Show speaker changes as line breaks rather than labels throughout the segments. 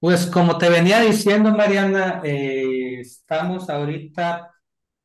Pues como te venía diciendo, Mariana, estamos ahorita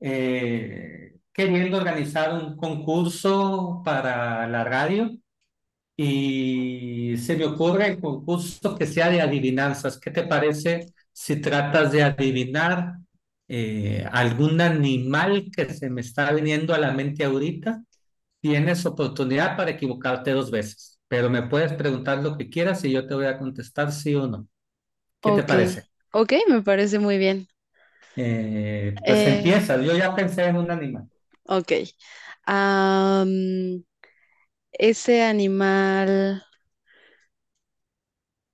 queriendo organizar un concurso para la radio y se me ocurre el concurso que sea de adivinanzas. ¿Qué te parece si tratas de adivinar algún animal que se me está viniendo a la mente ahorita? Tienes oportunidad para equivocarte dos veces, pero me puedes preguntar lo que quieras y yo te voy a contestar sí o no. ¿Qué te
Ok,
parece?
ok, me parece muy bien.
Pues
Eh,
empiezas. Yo ya pensé en un animal.
ok. Am, ¿Ese animal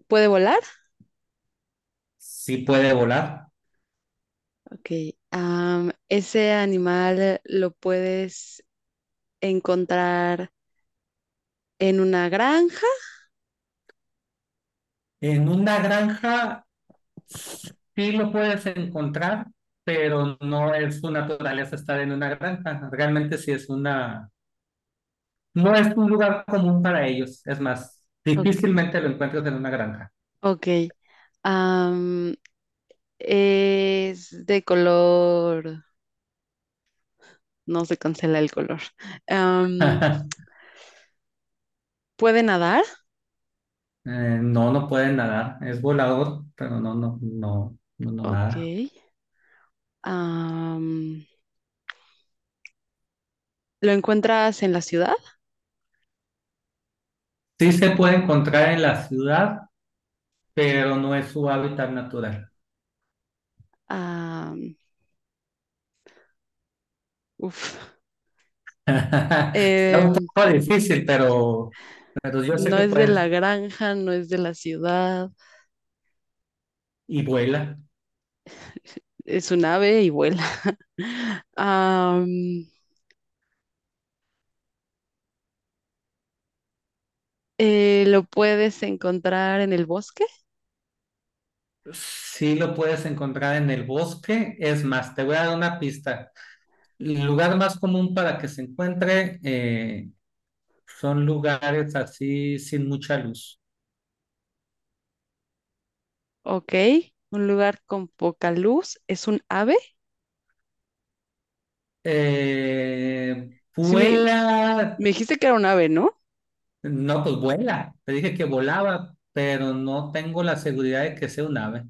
puede volar?
Sí puede volar.
Ok. ¿Ese animal lo puedes encontrar en una granja?
En una granja sí lo puedes encontrar, pero no es su naturaleza estar en una granja. Realmente sí es una, no es un lugar común para ellos. Es más,
Ok.
difícilmente lo encuentras en una granja.
Ok. Am, ¿Es de color? No se cancela el color. Am, ¿Puede nadar?
No, no puede nadar. Es volador, pero no, no, no, no, no
Ok.
nada.
Am, ¿Lo encuentras en la ciudad?
Sí se puede encontrar en la ciudad, pero no es su hábitat natural.
Ah, uf.
Está
Eh,
un poco difícil, pero yo sé
no
que
es de
puedes.
la granja, no es de la ciudad,
Y vuela.
es un ave y vuela. Am, lo puedes encontrar en el bosque,
Sí lo puedes encontrar en el bosque. Es más, te voy a dar una pista. El lugar más común para que se encuentre son lugares así sin mucha luz.
ok. Un lugar con poca luz, es un ave. Sí,
Vuela.
me dijiste que era un ave, ¿no?
No, pues vuela. Te dije que volaba, pero no tengo la seguridad de que sea un ave.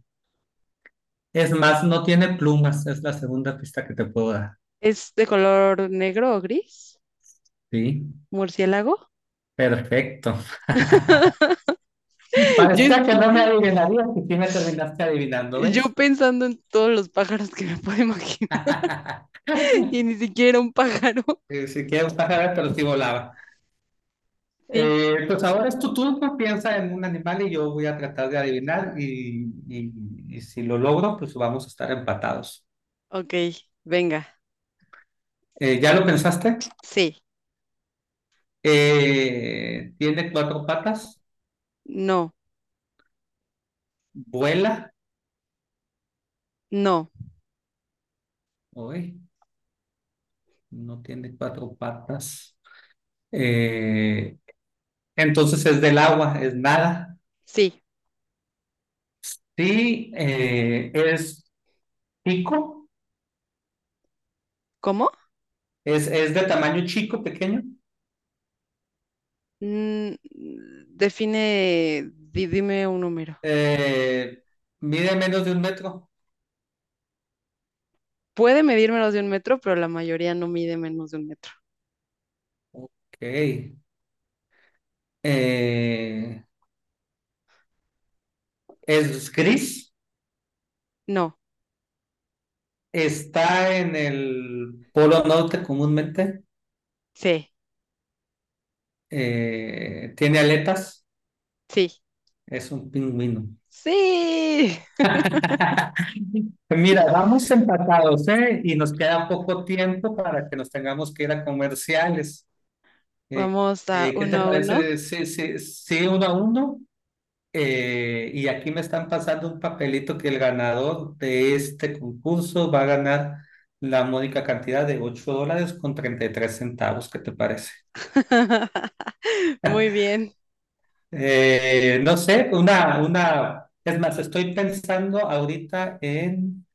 Es más, no tiene plumas. Es la segunda pista que te puedo dar.
¿Es de color negro o gris?
Sí,
¿Murciélago?
perfecto.
Yo, es-
Parecía que no me adivinarías y sí me terminaste adivinando,
yo
¿ves?
pensando en todos los pájaros que me puedo imaginar y ni siquiera un pájaro.
Si quieres un pájaro, pero sí volaba.
Sí,
Pues ahora es tu turno, piensa en un animal y yo voy a tratar de adivinar y si lo logro, pues vamos a estar empatados.
ok, venga.
¿Ya lo pensaste?
Sí,
¿Tiene cuatro patas?
no,
¿Vuela?
no,
Uy, no tiene cuatro patas. Eh, entonces es del agua, es nada.
sí.
Sí, es pico.
¿Cómo?
Es de tamaño chico, pequeño.
Mm, define, dime un número.
Eh, Mide menos de 1 metro.
Puede medir menos de un metro, pero la mayoría no mide menos de un metro.
Ok. Eh, es gris.
No,
Está en el polo norte comúnmente.
sí,
Tiene aletas.
sí,
Es un pingüino.
sí.
Mira, vamos empatados, ¿eh? Y nos queda poco tiempo para que nos tengamos que ir a comerciales. Eh,
Vamos a
¿Qué
uno
te
a uno.
parece? Sí, sí, sí, 1-1. Y aquí me están pasando un papelito que el ganador de este concurso va a ganar la módica cantidad de $8.33. ¿Qué te parece?
Muy bien.
No sé, una, es más, estoy pensando ahorita en,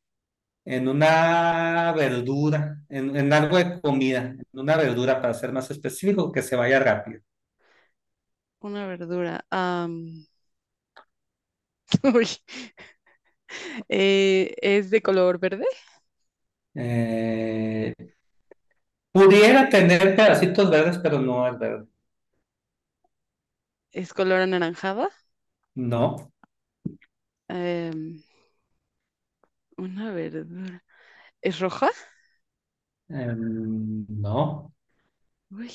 en una verdura, en algo de comida, en una verdura para ser más específico, que se vaya rápido.
Una verdura. Uy, ¿es de color verde?
Eh, Pudiera tener pedacitos verdes, pero no es verde.
¿Es color anaranjada?
No,
Em, una verdura. ¿Es roja?
no.
Uy.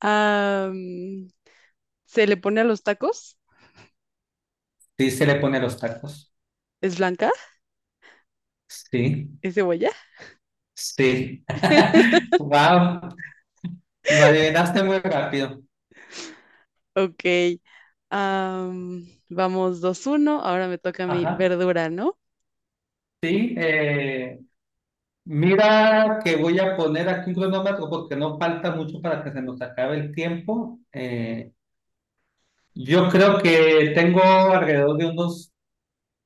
Am, ¿Se le pone a los tacos?
Sí, se le pone los tacos.
¿Es blanca?
Sí,
¿Es cebolla?
sí. Wow, lo adivinaste muy rápido.
Ok. Vamos dos uno. Ahora me toca mi
Ajá,
verdura, ¿no?
sí. Mira que voy a poner aquí un cronómetro porque no falta mucho para que se nos acabe el tiempo. Yo creo que tengo alrededor de unos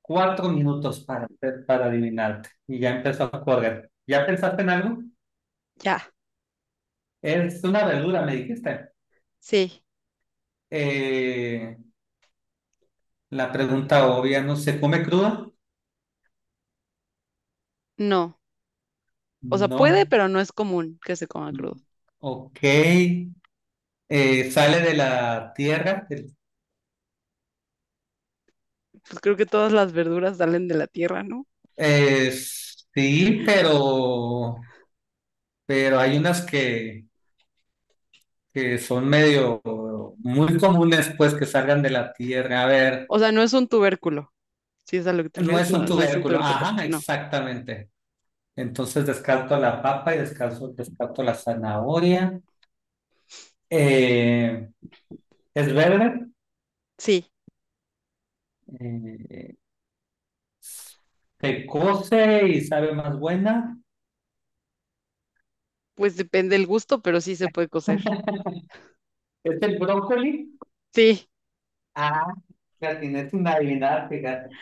4 minutos para adivinarte y ya empezó a correr. ¿Ya pensaste en algo?
Ya.
Es una verdura, me dijiste.
Sí.
Eh, la pregunta obvia, ¿no se come cruda?
No. O sea, puede,
No.
pero no es común que se coma crudo.
Mm, ok. Sale de la tierra.
Pues creo que todas las verduras salen de la tierra, ¿no?
Sí, pero hay unas que son medio muy comunes, pues, que salgan de la tierra. A ver,
O sea, no es un tubérculo. Si es a lo que te
no
refieres,
es un
no, no es un
tubérculo.
tubérculo.
Ajá,
No.
exactamente. Entonces descarto la papa y descarto la zanahoria. Eh, es verde.
Sí.
Eh, Se cose y sabe más buena.
Pues depende del gusto, pero sí se puede cocer.
Es el brócoli.
Sí.
Ah, la tienes sin adivinar, fíjate.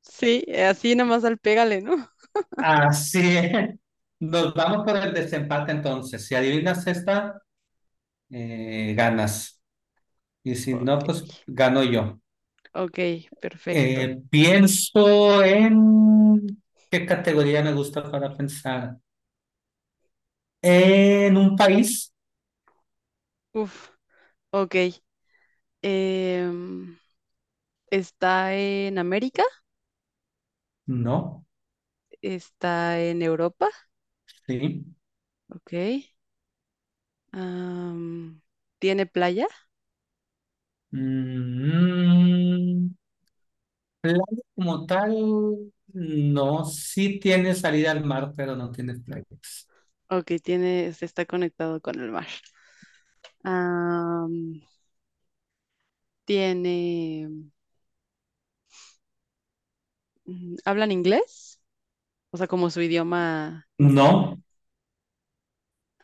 Sí. Así nada más al pégale, ¿no?
Así es. Nos vamos por el desempate entonces. Si adivinas esta, ganas. Y si no,
Ok.
pues gano yo.
Ok. Perfecto.
Pienso en. ¿Qué categoría me gusta para pensar? ¿En un país?
Uf. Ok. Em, Está en América,
No.
está en Europa,
Sí.
ok. Am, ¿Tiene playa?
Mm, Playa como tal, no. Sí tiene salida al mar, pero no tiene playas.
Ok, tiene, se está conectado con el mar. Am, tiene, mm, ¿hablan inglés? O sea, como su idioma,
No,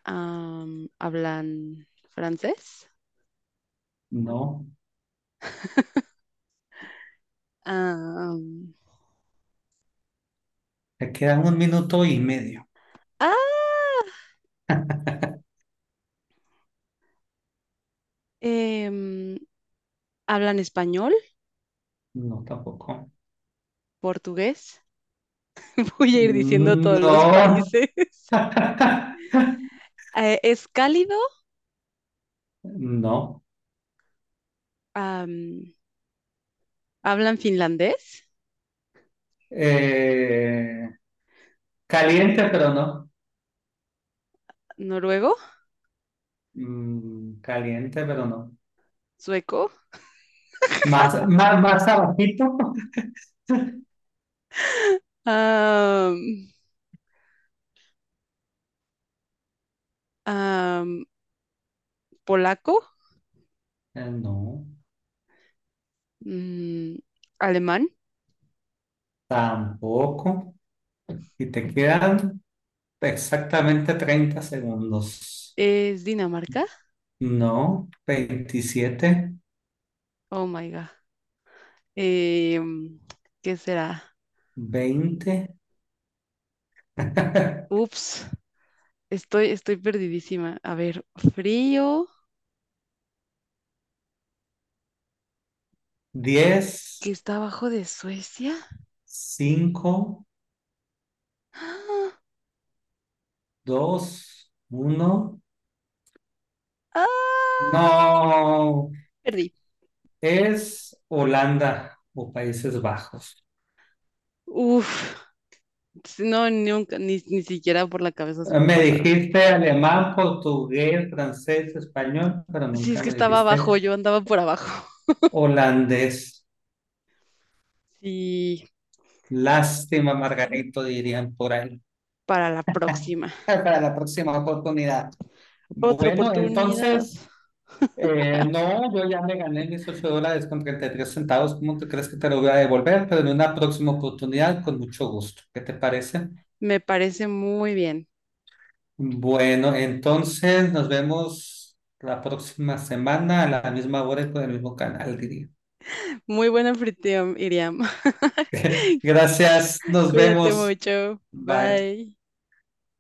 ¿hablan francés?
no,
Am,
te quedan 1 minuto y medio.
ah, em, ¿hablan español,
No, tampoco.
portugués? Voy a ir diciendo todos los
No,
países. ¿Es cálido?
no.
am, Hablan finlandés,
Eh, Caliente, pero no.
noruego,
Caliente, pero no.
sueco,
Más, más, más abajito.
am, am, polaco,
No,
mm, alemán.
tampoco. Y te quedan exactamente 30 segundos.
¿Es Dinamarca?
No, 27,
Oh my God. Em, ¿Qué será?
20,
Ups, estoy perdidísima. A ver, frío,
10,
que está abajo de Suecia.
5.
¡Ah!
2, 1.
¡Ah!
No,
Perdí.
es Holanda o Países Bajos.
Uf, si no, nunca, ni siquiera por la cabeza se me
Me
pasaron.
dijiste alemán, portugués, francés, español, pero
Si es
nunca
que
me
estaba
dijiste
abajo, yo andaba por abajo.
holandés.
Sí,
Lástima, Margarito, dirían por ahí.
para la próxima.
Para la próxima oportunidad.
Otra
Bueno,
oportunidad.
entonces, no, yo ya me gané mis $8.33. ¿Cómo te crees que te lo voy a devolver? Pero en una próxima oportunidad, con mucho gusto. ¿Qué te parece?
Me parece muy bien.
Bueno, entonces nos vemos la próxima semana a la misma hora y por el mismo canal, diría.
Muy buena anfitrión, Iriam.
Gracias, nos
Cuídate
vemos.
mucho.
Bye.
Bye.